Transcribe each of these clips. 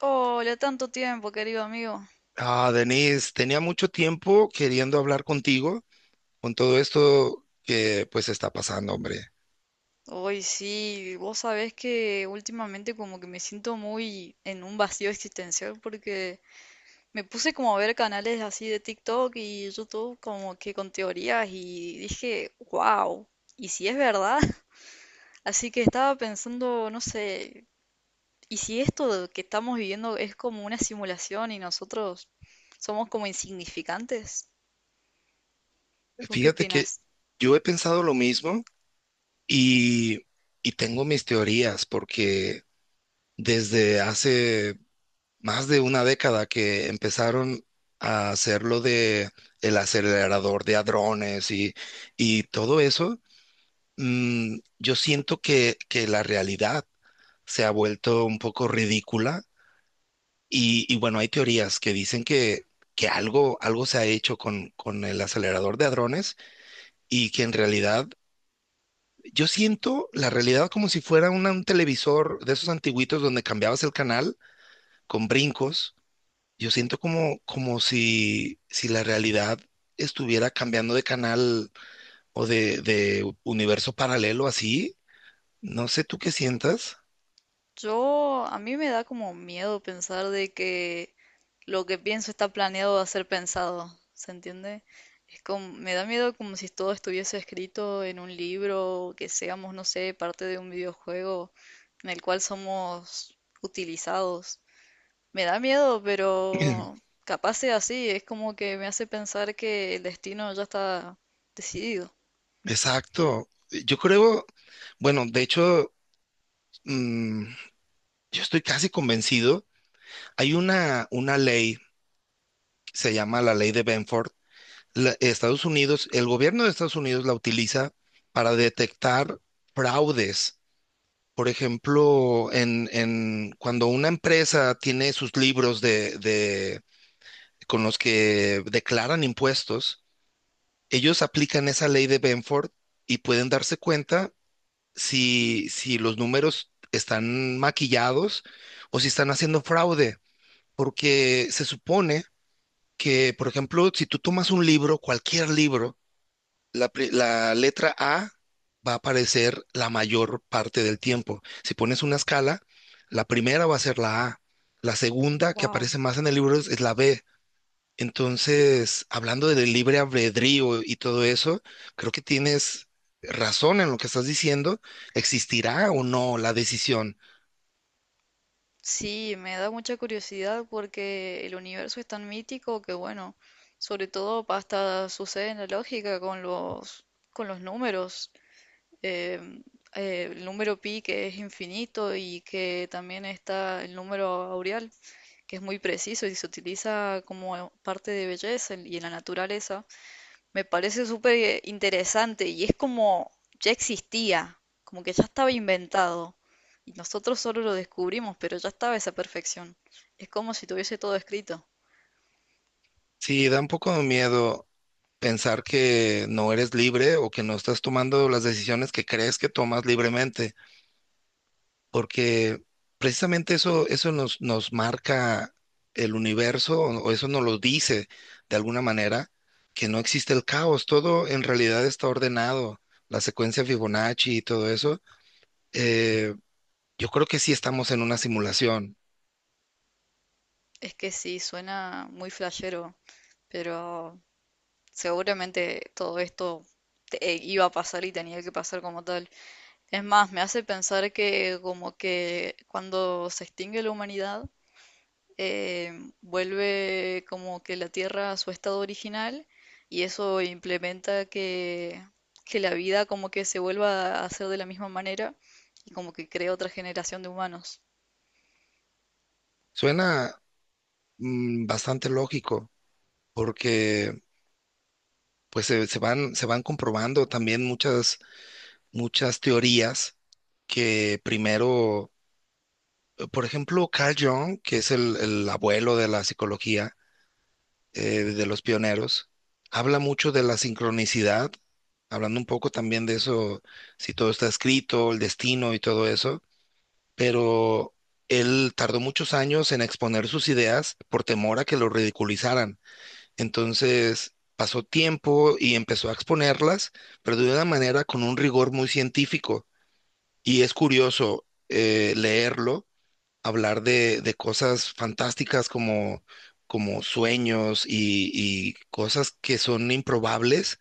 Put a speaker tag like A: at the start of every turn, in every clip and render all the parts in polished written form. A: Hola, tanto tiempo, querido amigo.
B: Denise, tenía mucho tiempo queriendo hablar contigo con todo esto que pues está pasando, hombre.
A: Hoy sí, vos sabés que últimamente como que me siento muy en un vacío existencial porque me puse como a ver canales así de TikTok y YouTube como que con teorías y dije, wow, ¿y si es verdad? Así que estaba pensando, no sé, ¿y si esto que estamos viviendo es como una simulación y nosotros somos como insignificantes? ¿Vos qué
B: Fíjate que
A: opinas?
B: yo he pensado lo mismo y, y tengo mis teorías porque desde hace más de una década que empezaron a hacer lo de el acelerador de hadrones y todo eso, yo siento que la realidad se ha vuelto un poco ridícula y bueno, hay teorías que dicen que algo, algo se ha hecho con el acelerador de hadrones y que en realidad... Yo siento la realidad como si fuera un televisor de esos antiguitos donde cambiabas el canal con brincos. Yo siento como, como si la realidad estuviera cambiando de canal o de universo paralelo así. No sé tú qué sientas.
A: Yo, a mí me da como miedo pensar de que lo que pienso está planeado a ser pensado, ¿se entiende? Es como, me da miedo como si todo estuviese escrito en un libro, que seamos, no sé, parte de un videojuego en el cual somos utilizados. Me da miedo, pero capaz sea así, es como que me hace pensar que el destino ya está decidido.
B: Exacto. Yo creo, bueno, de hecho, mm, yo estoy casi convencido. Hay una ley, se llama la ley de Benford. Estados Unidos, el gobierno de Estados Unidos la utiliza para detectar fraudes. Por ejemplo, en cuando una empresa tiene sus libros con los que declaran impuestos, ellos aplican esa ley de Benford y pueden darse cuenta si los números están maquillados o si están haciendo fraude, porque se supone que, por ejemplo, si tú tomas un libro, cualquier libro, la letra A va a aparecer la mayor parte del tiempo. Si pones una escala, la primera va a ser la A. La segunda que aparece más en el libro es la B. Entonces, hablando del libre albedrío y todo eso, creo que tienes razón en lo que estás diciendo. ¿Existirá o no la decisión?
A: Sí, me da mucha curiosidad porque el universo es tan mítico que, bueno, sobre todo hasta sucede en la lógica con los números. eh, el número pi, que es infinito, y que también está el número aureal, que es muy preciso y se utiliza como parte de belleza y en la naturaleza, me parece súper interesante, y es como ya existía, como que ya estaba inventado. Y nosotros solo lo descubrimos, pero ya estaba esa perfección. Es como si tuviese todo escrito.
B: Sí, da un poco de miedo pensar que no eres libre o que no estás tomando las decisiones que crees que tomas libremente, porque precisamente eso, eso nos marca el universo, o eso nos lo dice de alguna manera, que no existe el caos, todo en realidad está ordenado, la secuencia Fibonacci y todo eso. eh, yo creo que sí estamos en una simulación.
A: Es que sí, suena muy flashero, pero seguramente todo esto iba a pasar y tenía que pasar como tal. Es más, me hace pensar que como que cuando se extingue la humanidad, eh, vuelve como que la Tierra a su estado original, y eso implementa que, la vida como que se vuelva a hacer de la misma manera y como que crea otra generación de humanos.
B: Suena bastante lógico, porque pues se van comprobando también muchas, muchas teorías que primero. Por ejemplo, Carl Jung, que es el abuelo de la psicología, de los pioneros, habla mucho de la sincronicidad, hablando un poco también de eso, si todo está escrito, el destino y todo eso, pero él tardó muchos años en exponer sus ideas por temor a que lo ridiculizaran. Entonces... Pasó tiempo y empezó a exponerlas, pero de una manera con un rigor muy científico. Y es curioso leerlo hablar de cosas fantásticas como, como sueños y cosas que son improbables,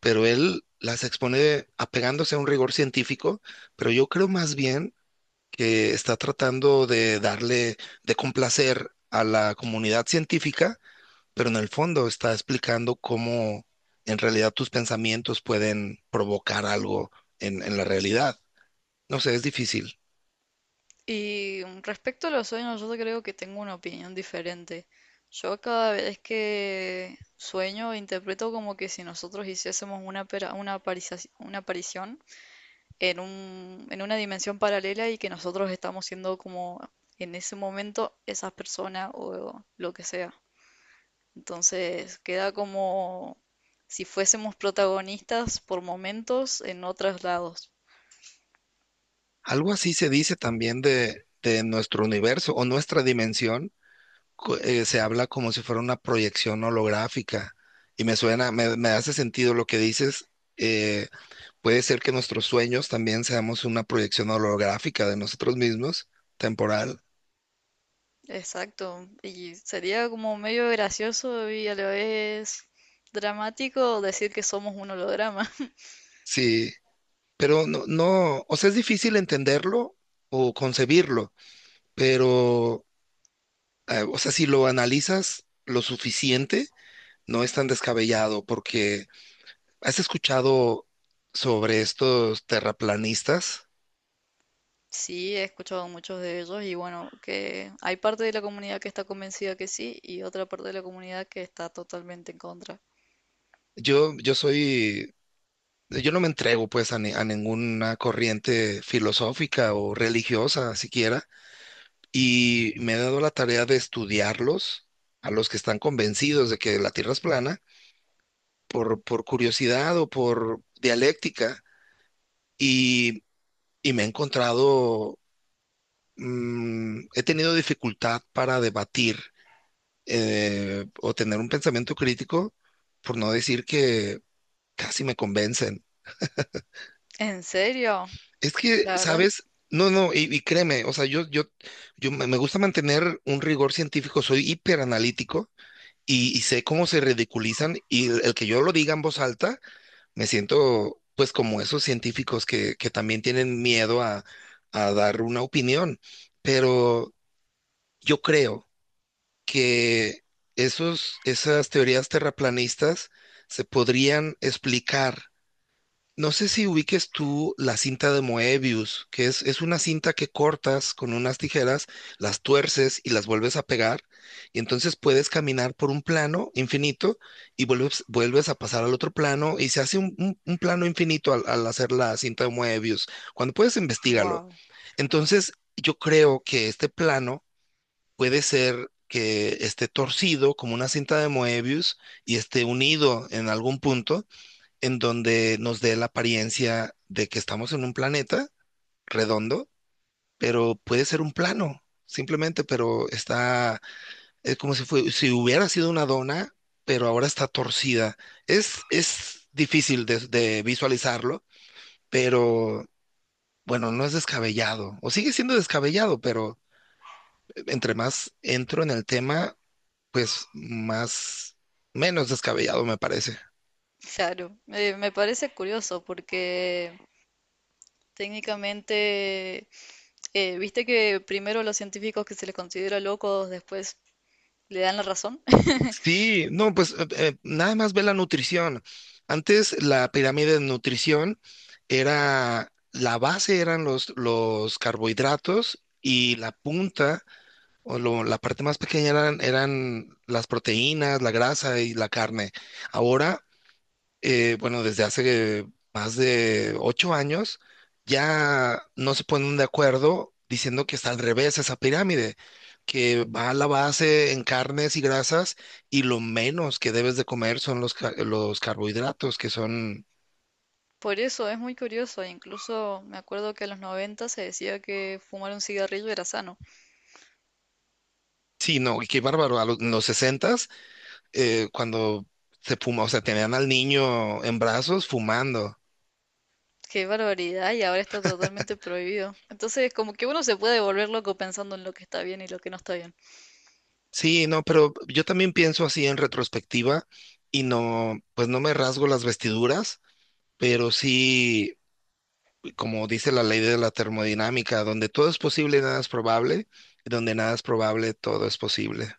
B: pero él las expone apegándose a un rigor científico, pero yo creo más bien que está tratando de darle, de complacer a la comunidad científica, pero en el fondo está explicando cómo en realidad tus pensamientos pueden provocar algo en la realidad. No sé, es difícil.
A: Y respecto a los sueños, yo creo que tengo una opinión diferente. Yo, cada vez que sueño, interpreto como que si nosotros hiciésemos una aparición en una dimensión paralela, y que nosotros estamos siendo como, en ese momento, esas personas o lo que sea. Entonces queda como si fuésemos protagonistas por momentos en otros lados.
B: Algo así se dice también de nuestro universo o nuestra dimensión, se habla como si fuera una proyección holográfica y me suena, me hace sentido lo que dices. eh, Puede ser que nuestros sueños también seamos una proyección holográfica de nosotros mismos, temporal,
A: Exacto, y sería como medio gracioso, y a la vez dramático, decir que somos un holograma.
B: sí, pero no, no, o sea, es difícil entenderlo o concebirlo, pero, o sea, si lo analizas lo suficiente, no es tan descabellado porque ¿has escuchado sobre estos terraplanistas?
A: Sí, he escuchado muchos de ellos, y bueno, que hay parte de la comunidad que está convencida que sí y otra parte de la comunidad que está totalmente en contra.
B: Yo, yo soy, yo no me entrego pues a, a ninguna corriente filosófica o religiosa siquiera, y me he dado la tarea de estudiarlos, a los que están convencidos de que la Tierra es plana, por curiosidad o por dialéctica, y, y me he encontrado, he tenido dificultad para debatir o tener un pensamiento crítico, por no decir que casi me convencen.
A: ¿En serio?
B: Es que,
A: La verdad es,
B: ¿sabes? No, no, y créeme, o sea, yo me gusta mantener un rigor científico, soy hiperanalítico y sé cómo se ridiculizan y el que yo lo diga en voz alta, me siento pues como esos científicos que también tienen miedo a dar una opinión, pero yo creo que esas teorías terraplanistas se podrían explicar. No sé si ubiques tú la cinta de Moebius, que es una cinta que cortas con unas tijeras, las tuerces y las vuelves a pegar, y entonces puedes caminar por un plano infinito y vuelves a pasar al otro plano y se hace un plano infinito al hacer la cinta de Moebius. Cuando puedes, investigalo.
A: wow,
B: Entonces, yo creo que este plano puede ser que esté torcido como una cinta de Moebius y esté unido en algún punto en donde nos dé la apariencia de que estamos en un planeta redondo, pero puede ser un plano, simplemente, pero está, es como si fue, si hubiera sido una dona, pero ahora está torcida. Es difícil de visualizarlo, pero bueno, no es descabellado, o sigue siendo descabellado, pero entre más entro en el tema, pues más, menos descabellado me parece.
A: claro, me parece curioso porque, técnicamente, viste que primero los científicos que se les considera locos después le dan la razón.
B: Sí, no, pues nada más ve la nutrición. Antes la pirámide de nutrición era, la base eran los carbohidratos y la punta o la parte más pequeña eran, eran las proteínas, la grasa y la carne. Ahora bueno, desde hace más de ocho años, ya no se ponen de acuerdo diciendo que está al revés esa pirámide, que va a la base en carnes y grasas y lo menos que debes de comer son los, los carbohidratos, que son,
A: Por eso es muy curioso, incluso me acuerdo que en los 90 se decía que fumar un cigarrillo era sano.
B: sí, no, y qué bárbaro, a los, en los 60 cuando se fuma, o sea, tenían al niño en brazos fumando.
A: ¡Qué barbaridad! Y ahora está totalmente prohibido. Entonces, como que uno se puede volver loco pensando en lo que está bien y lo que no está bien.
B: Sí, no, pero yo también pienso así en retrospectiva y no, pues no me rasgo las vestiduras. Pero sí, como dice la ley de la termodinámica, donde todo es posible, nada es probable, y donde nada es probable, todo es posible.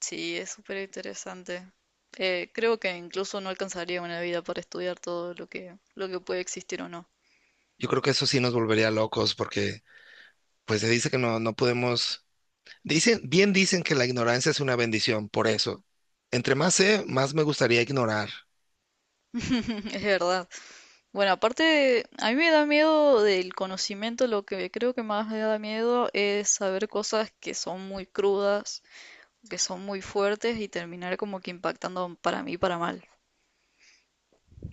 A: Sí, es súper interesante. Creo que incluso no alcanzaría una vida para estudiar todo lo que puede existir o no.
B: Yo creo que eso sí nos volvería locos porque pues se dice que no podemos, dicen, bien dicen que la ignorancia es una bendición, por eso. Entre más sé, más me gustaría ignorar.
A: Es verdad. Bueno, aparte, a mí me da miedo del conocimiento; lo que creo que más me da miedo es saber cosas que son muy crudas, que son muy fuertes, y terminar como que impactando para mí para mal.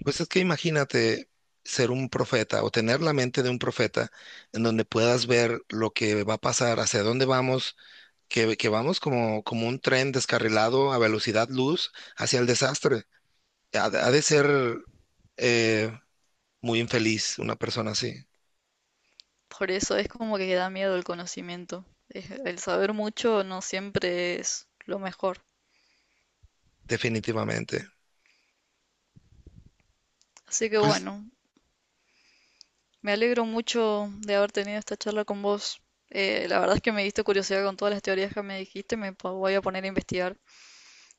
B: Pues es que imagínate ser un profeta o tener la mente de un profeta en donde puedas ver lo que va a pasar, hacia dónde vamos que vamos como, como un tren descarrilado a velocidad luz hacia el desastre. Ha de ser eh, muy infeliz una persona así,
A: Por eso es como que da miedo el conocimiento. El saber mucho no siempre es lo mejor.
B: definitivamente.
A: Así que,
B: Pues
A: bueno, me alegro mucho de haber tenido esta charla con vos. La verdad es que me diste curiosidad con todas las teorías que me dijiste, voy a poner a investigar.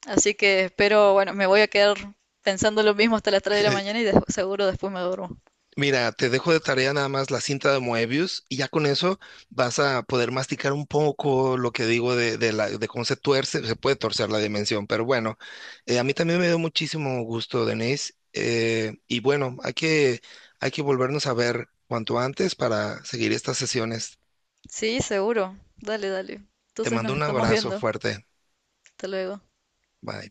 A: Así que espero, bueno, me voy a quedar pensando lo mismo hasta las 3 de la mañana y seguro después me duermo.
B: mira, te dejo de tarea nada más la cinta de Moebius y ya con eso vas a poder masticar un poco lo que digo de cómo se tuerce, se puede torcer la dimensión, pero bueno, a mí también me dio muchísimo gusto, Denise, y bueno, hay que volvernos a ver cuanto antes para seguir estas sesiones.
A: Sí, seguro. Dale, dale.
B: Te
A: Entonces
B: mando
A: nos
B: un
A: estamos
B: abrazo
A: viendo.
B: fuerte.
A: Hasta luego.
B: Bye.